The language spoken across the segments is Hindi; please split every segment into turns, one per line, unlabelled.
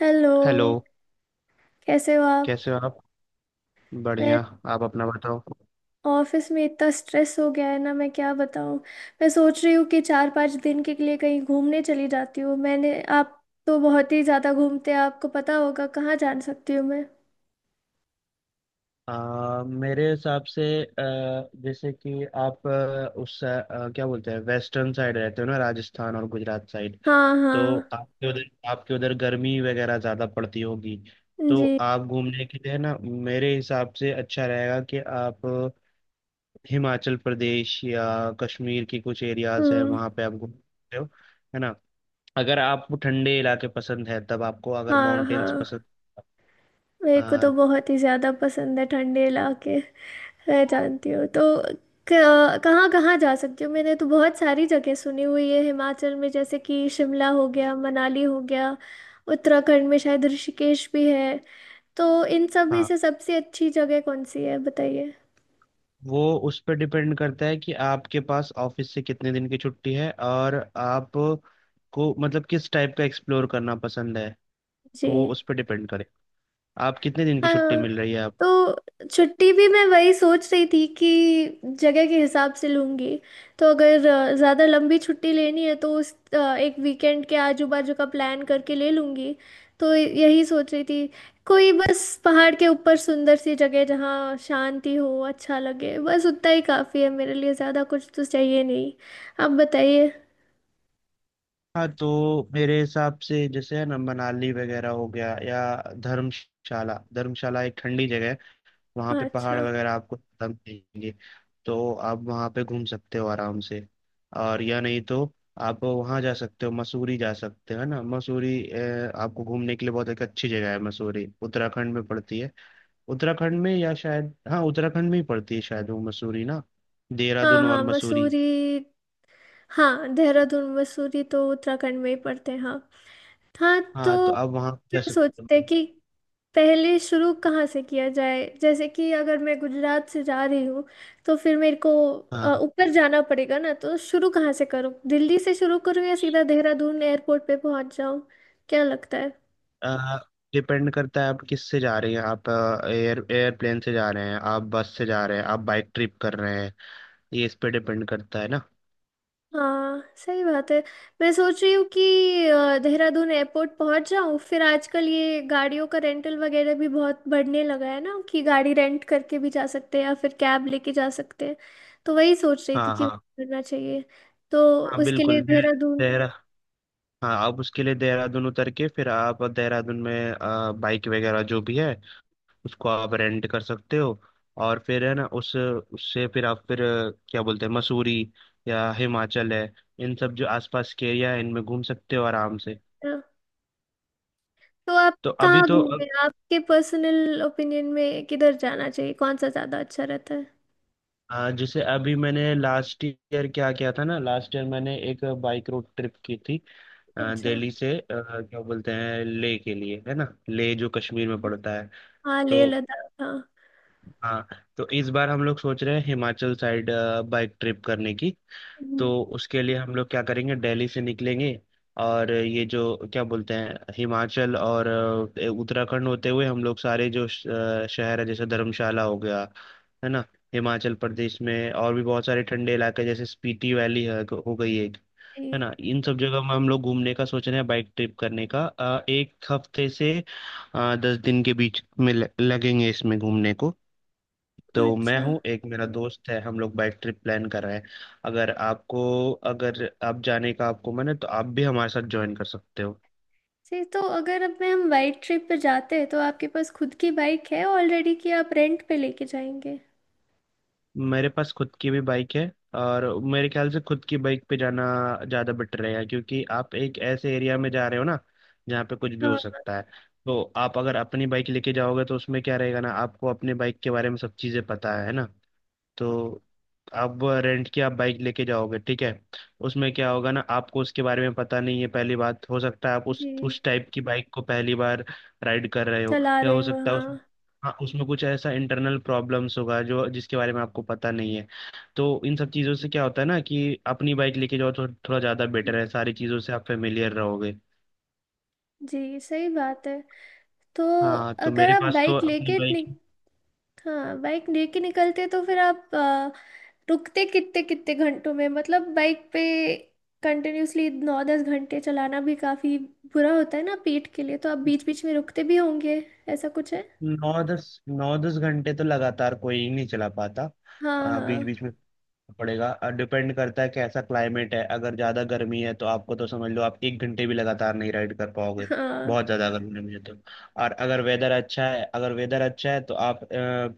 हेलो।
हेलो।
कैसे हो आप।
कैसे हो आप?
मैं
बढ़िया। आप अपना बताओ।
ऑफिस में इतना स्ट्रेस हो गया है ना, मैं क्या बताऊं। मैं सोच रही हूँ कि चार पांच दिन के लिए कहीं घूमने चली जाती हूँ। मैंने आप तो बहुत ही ज़्यादा घूमते हैं, आपको पता होगा कहाँ जा सकती हूँ मैं।
मेरे हिसाब से जैसे कि आप उस क्या बोलते हैं, वेस्टर्न साइड रहते हो ना, राजस्थान और गुजरात साइड।
हाँ
तो
हाँ।
आपके उधर गर्मी वगैरह ज़्यादा पड़ती होगी। तो
जी।
आप घूमने के लिए ना, मेरे हिसाब से अच्छा रहेगा कि आप हिमाचल प्रदेश या कश्मीर की कुछ एरियाज है,
हम्म।
वहाँ पे आप घूम सकते हो, है ना। अगर आपको ठंडे इलाके पसंद है, तब आपको अगर
हाँ
माउंटेन्स
हाँ। मेरे को तो
पसंद।
बहुत ही ज़्यादा पसंद है ठंडे इलाके। मैं जानती हूँ, तो कहाँ कहाँ जा सकती हूँ। मैंने तो बहुत सारी जगह सुनी हुई है हिमाचल में, जैसे कि शिमला हो गया, मनाली हो गया, उत्तराखंड में शायद ऋषिकेश भी है। तो इन सब में
हाँ,
से सबसे अच्छी जगह कौन सी है बताइए।
वो उस पर डिपेंड करता है कि आपके पास ऑफिस से कितने दिन की छुट्टी है, और आप को मतलब किस टाइप का एक्सप्लोर करना पसंद है।
जी।
वो उस पर डिपेंड करे। आप कितने दिन की छुट्टी
हाँ,
मिल रही है आप।
तो छुट्टी भी मैं वही सोच रही थी कि जगह के हिसाब से लूँगी। तो अगर ज़्यादा लंबी छुट्टी लेनी है तो एक वीकेंड के आजू बाजू का प्लान करके ले लूँगी। तो यही सोच रही थी। कोई बस पहाड़ के ऊपर सुंदर सी जगह जहाँ शांति हो, अच्छा लगे, बस उतना ही काफ़ी है मेरे लिए, ज़्यादा कुछ तो चाहिए नहीं। आप बताइए।
हाँ तो मेरे हिसाब से, जैसे है ना, मनाली वगैरह हो गया, या धर्मशाला धर्मशाला एक ठंडी जगह है। वहाँ
हाँ,
पे पहाड़
अच्छा।
वगैरह आपको खत्म देंगे। तो आप वहाँ पे घूम सकते हो आराम से। और या नहीं तो आप वहाँ जा सकते हो, मसूरी जा सकते हो, है ना। मसूरी आपको घूमने के लिए बहुत एक अच्छी जगह है, मसूरी उत्तराखंड में पड़ती है। उत्तराखंड में या शायद, हाँ उत्तराखंड में ही पड़ती है शायद, वो मसूरी ना।
हाँ
देहरादून
हाँ
और मसूरी।
मसूरी। हाँ, देहरादून मसूरी तो उत्तराखंड में ही पड़ते हैं। हाँ। हाँ,
हाँ
तो
तो आप वहाँ जा
क्या
सकते
सोचते हैं
हो।
कि पहले शुरू कहाँ से किया जाए? जैसे कि अगर मैं गुजरात से जा रही हूँ तो फिर मेरे को
हाँ,
ऊपर जाना पड़ेगा ना, तो शुरू कहाँ से करूँ? दिल्ली से शुरू करूँ या सीधा देहरादून एयरपोर्ट पे पहुँच जाऊँ? क्या लगता है?
डिपेंड करता है आप किस से जा रहे हैं, आप एयरप्लेन से जा रहे हैं, आप बस से जा रहे हैं, आप बाइक ट्रिप कर रहे हैं, ये इस पे डिपेंड करता है ना।
हाँ सही बात है। मैं सोच रही हूँ कि देहरादून एयरपोर्ट पहुंच जाऊँ, फिर आजकल ये गाड़ियों का रेंटल वगैरह भी बहुत बढ़ने लगा है ना कि गाड़ी रेंट करके भी जा सकते हैं या फिर कैब लेके जा सकते हैं। तो वही सोच रही थी
हाँ
कि
हाँ।
करना चाहिए। तो
हाँ
उसके लिए
बिल्कुल। दे,
देहरादून।
देहरा हाँ आप उसके लिए देहरादून उतर के फिर आप देहरादून में बाइक वगैरह जो भी है, उसको आप रेंट कर सकते हो। और फिर है ना, उस उससे फिर आप फिर क्या बोलते हैं, मसूरी या हिमाचल है, इन सब जो आसपास के एरिया है, इनमें घूम सकते हो आराम से।
अ, तो आप
तो अभी
कहाँ
तो
घूमे?
अब।
आपके पर्सनल ओपिनियन में किधर जाना चाहिए, कौन सा ज़्यादा अच्छा रहता है?
हाँ, जैसे अभी मैंने लास्ट ईयर क्या किया था ना, लास्ट ईयर मैंने एक बाइक रोड ट्रिप की थी,
अच्छा।
दिल्ली से क्या बोलते हैं, लेह के लिए, है ना, लेह जो कश्मीर में पड़ता है।
हाँ,
तो।
लेह लद्दाख हाँ।
हाँ तो इस बार हम लोग सोच रहे हैं हिमाचल साइड बाइक ट्रिप करने की। तो
हम्म।
उसके लिए हम लोग क्या करेंगे, दिल्ली से निकलेंगे। और ये जो क्या बोलते हैं, हिमाचल और उत्तराखंड होते हुए, हम लोग सारे जो शहर है, जैसे धर्मशाला हो गया, है ना। हिमाचल प्रदेश में और भी बहुत सारे ठंडे इलाके, जैसे स्पीति वैली है हो गई एक, है
जी।
ना। इन सब जगह में हम लोग घूमने का सोच रहे हैं, बाइक ट्रिप करने का एक हफ्ते से 10 दिन के बीच में लगेंगे इसमें घूमने को। तो मैं
अच्छा।
हूँ, एक मेरा दोस्त है, हम लोग बाइक ट्रिप प्लान कर रहे हैं। अगर आपको अगर आप जाने का आपको मन है तो आप भी हमारे साथ ज्वाइन कर सकते हो।
जी, तो अगर अब मैं हम वाइड ट्रिप पे जाते हैं तो आपके पास खुद की बाइक है ऑलरेडी कि आप रेंट पे लेके जाएंगे?
मेरे पास खुद की भी बाइक है। और मेरे ख्याल से खुद की बाइक पे जाना ज़्यादा बेटर रहेगा, क्योंकि आप एक ऐसे एरिया में जा रहे हो ना, जहाँ पे कुछ भी हो
हाँ।
सकता है। तो आप अगर अपनी बाइक लेके जाओगे तो उसमें क्या रहेगा ना, आपको अपने बाइक के बारे में सब चीज़ें पता है ना। तो अब रेंट की आप बाइक लेके जाओगे, ठीक है, उसमें क्या होगा ना, आपको उसके बारे में पता नहीं है। पहली बात, हो सकता है आप उस
जी।
उस टाइप की बाइक को पहली बार राइड कर रहे हो,
चला
या
रहे
हो
हो
सकता है
हाँ।
उस, हाँ उसमें कुछ ऐसा इंटरनल प्रॉब्लम्स होगा जो जिसके बारे में आपको पता नहीं है। तो इन सब चीज़ों से क्या होता है ना, कि अपनी बाइक लेके जाओ तो थोड़ा ज़्यादा बेटर है, सारी चीज़ों से आप फेमिलियर रहोगे।
जी सही बात है। तो
हाँ तो
अगर
मेरे
आप
पास तो
बाइक
अपनी
लेके
बाइक।
निक हाँ, बाइक लेके निकलते तो फिर आप रुकते कितने कितने घंटों में? मतलब बाइक पे कंटिन्यूसली नौ दस घंटे चलाना भी काफी बुरा होता है ना पेट के लिए, तो आप बीच बीच में रुकते भी होंगे। ऐसा कुछ है?
नौ दस घंटे तो लगातार कोई नहीं चला पाता।
हाँ
बीच
हाँ।
बीच में पड़ेगा। डिपेंड करता है कैसा क्लाइमेट है। अगर ज़्यादा गर्मी है तो आपको तो समझ लो आप 1 घंटे भी लगातार नहीं राइड कर पाओगे।
हाँ
बहुत ज़्यादा अगर गर्मी है तो। और अगर वेदर अच्छा है तो आप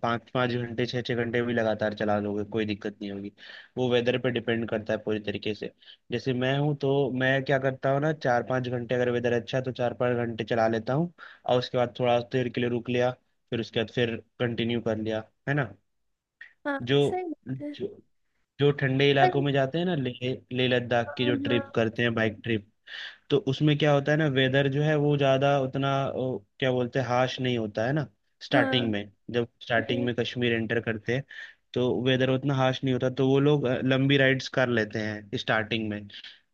पाँच पाँच घंटे छः छः घंटे भी लगातार चला लोगे, कोई दिक्कत नहीं होगी। वो वेदर पे डिपेंड करता है पूरी तरीके से। जैसे मैं हूँ तो मैं क्या करता हूँ ना, 4-5 घंटे, अगर वेदर अच्छा है तो 4-5 घंटे चला लेता हूँ। और उसके बाद थोड़ा देर के लिए रुक लिया। फिर उसके बाद फिर कंटिन्यू कर लिया, है ना।
हाँ
जो
सही बात
जो जो ठंडे
है।
इलाकों में जाते हैं ना, ले ले लद्दाख
हाँ
की जो
हाँ।
ट्रिप करते हैं बाइक ट्रिप। तो उसमें क्या होता है ना, वेदर जो है वो ज़्यादा उतना क्या बोलते हैं, हाश नहीं होता है ना।
हाँ,
स्टार्टिंग में जब स्टार्टिंग
जी।
में कश्मीर एंटर करते हैं, तो वेदर उतना हाश नहीं होता, तो वो लोग लंबी राइड्स कर लेते हैं स्टार्टिंग में।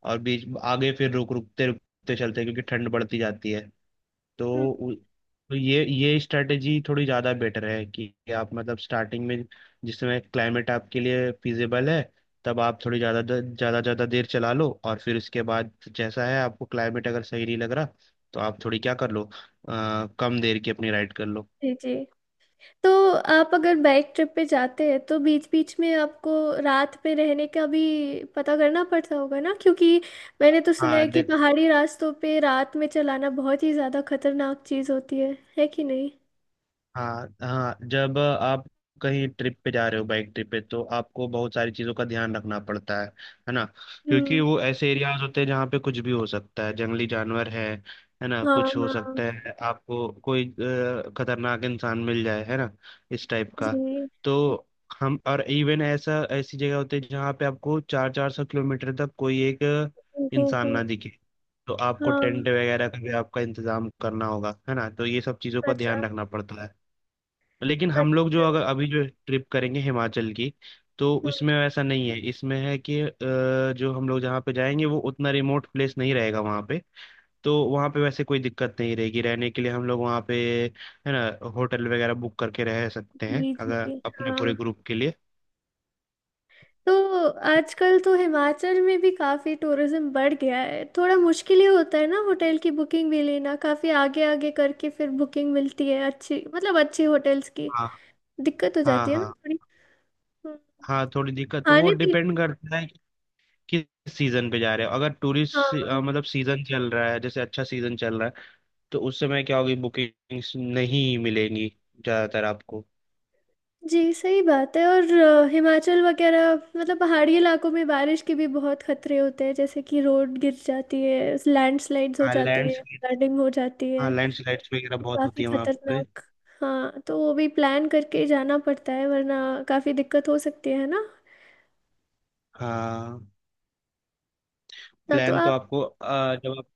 और बीच आगे फिर रुकते रुकते चलते हैं, क्योंकि ठंड बढ़ती जाती है। तो
हम्म,
उ- तो ये स्ट्रेटेजी थोड़ी ज़्यादा बेटर है कि आप मतलब स्टार्टिंग में, जिस समय क्लाइमेट आपके लिए फिजिबल है, तब आप थोड़ी ज़्यादा ज़्यादा ज़्यादा देर चला लो। और फिर उसके बाद जैसा है आपको क्लाइमेट अगर सही नहीं लग रहा, तो आप थोड़ी क्या कर लो, कम देर की अपनी राइड कर लो।
जी जी। तो आप अगर बाइक ट्रिप पे जाते हैं तो बीच बीच में आपको रात में रहने का भी पता करना पड़ता होगा ना, क्योंकि मैंने तो सुना है
हाँ
कि पहाड़ी रास्तों पे रात में चलाना बहुत ही ज़्यादा खतरनाक चीज़ होती है। है कि नहीं?
हाँ। हाँ जब आप कहीं ट्रिप पे जा रहे हो, बाइक ट्रिप पे, तो आपको बहुत सारी चीज़ों का ध्यान रखना पड़ता है ना। क्योंकि
हम्म।
वो ऐसे एरियाज होते हैं जहाँ पे कुछ भी हो सकता है, जंगली जानवर है ना,
हाँ
कुछ हो
हाँ।
सकता है, आपको कोई खतरनाक इंसान मिल जाए, है ना, इस टाइप का।
जी।
तो हम और इवन ऐसा ऐसी जगह होती है जहाँ पे आपको चार चार सौ किलोमीटर तक कोई एक
हो
इंसान
हो।
ना दिखे। तो आपको
हाँ।
टेंट वगैरह का भी आपका इंतजाम करना होगा, है ना। तो ये सब चीज़ों का
अच्छा।
ध्यान रखना पड़ता है। लेकिन हम लोग जो
अच्छा।
अगर अभी जो ट्रिप करेंगे हिमाचल की, तो
हम्म,
उसमें ऐसा नहीं है, इसमें है कि जो हम लोग जहाँ पे जाएंगे वो उतना रिमोट प्लेस नहीं रहेगा वहाँ पे। तो वहाँ पे वैसे कोई दिक्कत नहीं रहेगी रहने के लिए। हम लोग वहाँ पे, है ना, होटल वगैरह बुक करके रह सकते हैं
जी
अगर
जी
अपने
हाँ।
पूरे ग्रुप के लिए।
तो आजकल तो हिमाचल में भी काफी टूरिज्म बढ़ गया है, थोड़ा मुश्किल ही होता है ना होटल की बुकिंग भी लेना, काफी आगे आगे करके फिर बुकिंग मिलती है अच्छी, मतलब अच्छी होटल्स की।
हाँ
दिक्कत हो
हाँ।
जाती है ना
हाँ
थोड़ी। हम्म।
हाँ, थोड़ी दिक्कत तो वो
खाने पीने।
डिपेंड करता है कि किस सीजन पे जा रहे हो। अगर टूरिस्ट
हाँ
मतलब सीजन चल रहा है, जैसे अच्छा सीजन चल रहा है, तो उस समय क्या होगी, बुकिंग्स नहीं मिलेंगी ज्यादातर आपको।
जी सही बात है। और हिमाचल वगैरह मतलब पहाड़ी इलाकों में बारिश के भी बहुत खतरे होते हैं, जैसे कि रोड गिर जाती है, लैंडस्लाइड्स हो
हाँ
जाते हैं,
लैंडस्लाइड
फ्लडिंग हो जाती है,
हाँ लैंडस्लाइड्स वगैरह बहुत होती
काफी
है वहाँ पे।
खतरनाक। हाँ, तो वो भी प्लान करके जाना पड़ता है वरना काफी दिक्कत हो सकती है ना।
हाँ।
ना तो
प्लान तो
आप।
आपको जब आप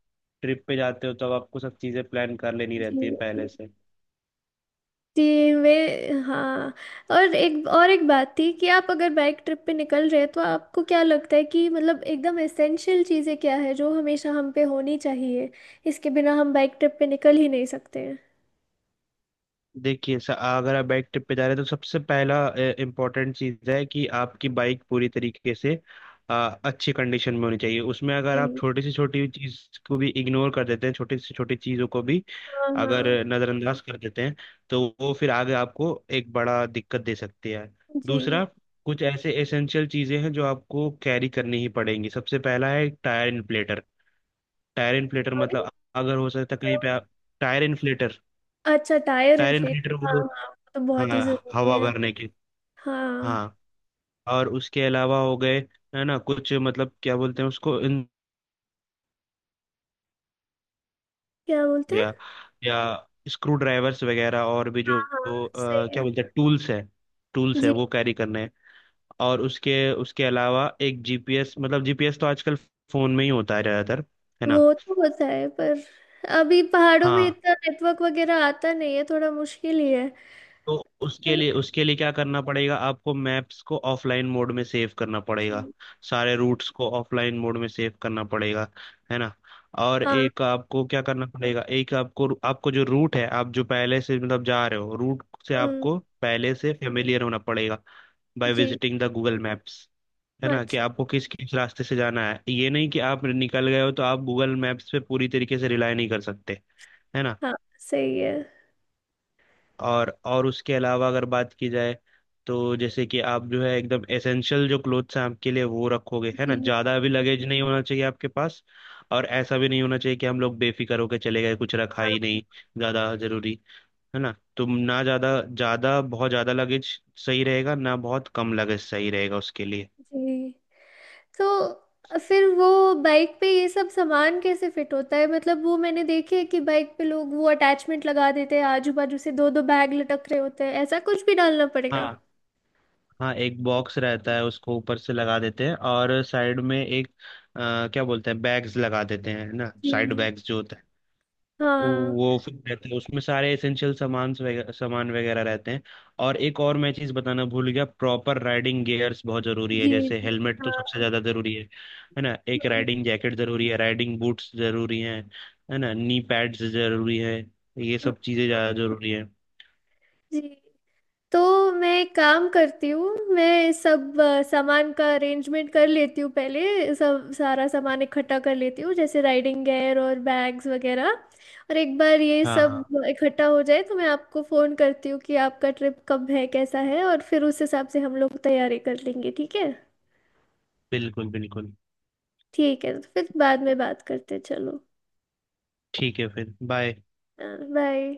ट्रिप पे जाते हो, तब आपको सब चीज़ें प्लान कर लेनी
जी
रहती है
जी।
पहले से।
जी, वे। हाँ और एक बात थी कि आप अगर बाइक ट्रिप पे निकल रहे हैं तो आपको क्या लगता है कि मतलब एकदम एसेंशियल चीज़ें क्या है जो हमेशा हम पे होनी चाहिए, इसके बिना हम बाइक ट्रिप पे निकल ही नहीं सकते हैं।
देखिए, अगर आप बाइक ट्रिप पे जा रहे हैं तो सबसे पहला इम्पोर्टेंट चीज़ है कि आपकी बाइक पूरी तरीके से अ, अच्छी कंडीशन में होनी चाहिए। उसमें अगर आप
जी।
छोटी से छोटी चीज़ को भी इग्नोर कर देते हैं, छोटी से छोटी चीज़ों को भी
हाँ
अगर
हाँ।
नज़रअंदाज कर देते हैं, तो वो फिर आगे आपको एक बड़ा दिक्कत दे सकती है।
जी।
दूसरा, कुछ ऐसे एसेंशियल चीज़ें हैं जो आपको कैरी करनी ही पड़ेंगी। सबसे पहला है tyre inflator. Tyre inflator
sorry.
मतलब, अगर हो सकता है
क्या
कहीं
हुआ?
पे आप, टायर इन्फ्लेटर।
अच्छा, टायर
टायर
इन्फ्लेट।
इन्फ्लेटर
हाँ
वो।
हाँ वो तो बहुत
हाँ,
ही ज़रूरी
हवा
है।
भरने की।
हाँ।
हाँ। और उसके अलावा हो गए, है ना, कुछ मतलब क्या बोलते हैं उसको, इन हो
क्या बोलते हैं?
गया या स्क्रू ड्राइवर्स वगैरह, और भी
हाँ
जो
हाँ।
जो,
सही
अ,
है।
क्या बोलते हैं, टूल्स है
जी।
वो कैरी करने हैं। और उसके उसके अलावा एक जीपीएस, मतलब जीपीएस तो आजकल फोन में ही होता है ज्यादातर, है ना।
वो तो होता है पर अभी पहाड़ों में
हाँ
इतना नेटवर्क वगैरह आता नहीं है, थोड़ा मुश्किल ही है।
तो
है
उसके
ना?
लिए उसके लिए क्या करना पड़ेगा, आपको मैप्स को ऑफलाइन मोड में सेव करना पड़ेगा।
जी।
सारे रूट्स को ऑफलाइन मोड में सेव करना पड़ेगा, है ना। और
हाँ।
एक आपको क्या करना पड़ेगा, एक आपको, जो रूट है, आप जो पहले से मतलब जा रहे हो रूट से,
हम्म।
आपको पहले से फेमिलियर होना पड़ेगा, बाय
जी।
Visiting the Google maps. है ना, कि
अच्छा।
आपको किस किस रास्ते से जाना है, ये नहीं कि आप निकल गए हो तो आप गूगल मैप्स पे पूरी तरीके से रिलाई नहीं कर सकते, है ना।
हाँ सही है।
और उसके अलावा अगर बात की जाए, तो जैसे कि आप जो है एकदम एसेंशियल जो क्लोथ्स हैं आपके लिए वो रखोगे, है
जी।
ना, ज़्यादा भी लगेज नहीं होना चाहिए आपके पास। और ऐसा भी नहीं होना चाहिए कि हम लोग बेफिक्र होकर चले गए, कुछ रखा ही
हाँ।
नहीं, ज़्यादा ज़रूरी, है ना। तो ना ज़्यादा ज़्यादा बहुत ज़्यादा लगेज सही रहेगा ना, बहुत कम लगेज सही रहेगा उसके लिए।
जी, तो फिर वो बाइक पे ये सब सामान कैसे फिट होता है? मतलब वो मैंने देखे है कि बाइक पे लोग वो अटैचमेंट लगा देते हैं, आजू बाजू से दो दो बैग लटक रहे होते हैं, ऐसा कुछ भी डालना पड़ेगा?
हाँ हाँ। एक बॉक्स रहता है, उसको ऊपर से लगा देते हैं, और साइड में एक क्या बोलते हैं, बैग्स लगा देते हैं, है ना, साइड
जी।
बैग्स जो होते हैं।
हाँ।
वो फिर रहते हैं, उसमें सारे एसेंशियल सामान वगैरह रहते हैं। और एक और मैं चीज़ बताना भूल गया, प्रॉपर राइडिंग गियर्स बहुत ज़रूरी है,
जी
जैसे
जी।
हेलमेट
हाँ
तो सबसे
हाँ।
ज़्यादा ज़रूरी है ना। एक
हाँ।
राइडिंग जैकेट ज़रूरी है, राइडिंग बूट्स ज़रूरी हैं, है ना, नी पैड्स ज़रूरी है, ये
जी,
सब चीज़ें ज़्यादा ज़रूरी है।
तो मैं एक काम करती हूँ, मैं सब सामान का अरेंजमेंट कर लेती हूँ पहले, सब सारा सामान इकट्ठा कर लेती हूँ जैसे राइडिंग गेयर और बैग्स वगैरह। और एक बार ये
हाँ
सब
हाँ।
इकट्ठा हो जाए तो मैं आपको फ़ोन करती हूँ कि आपका ट्रिप कब है कैसा है, और फिर उस हिसाब से हम लोग तैयारी कर लेंगे। ठीक है?
बिल्कुल बिल्कुल।
ठीक है, तो फिर बाद में बात करते हैं, चलो।
ठीक है फिर बाय।
बाय।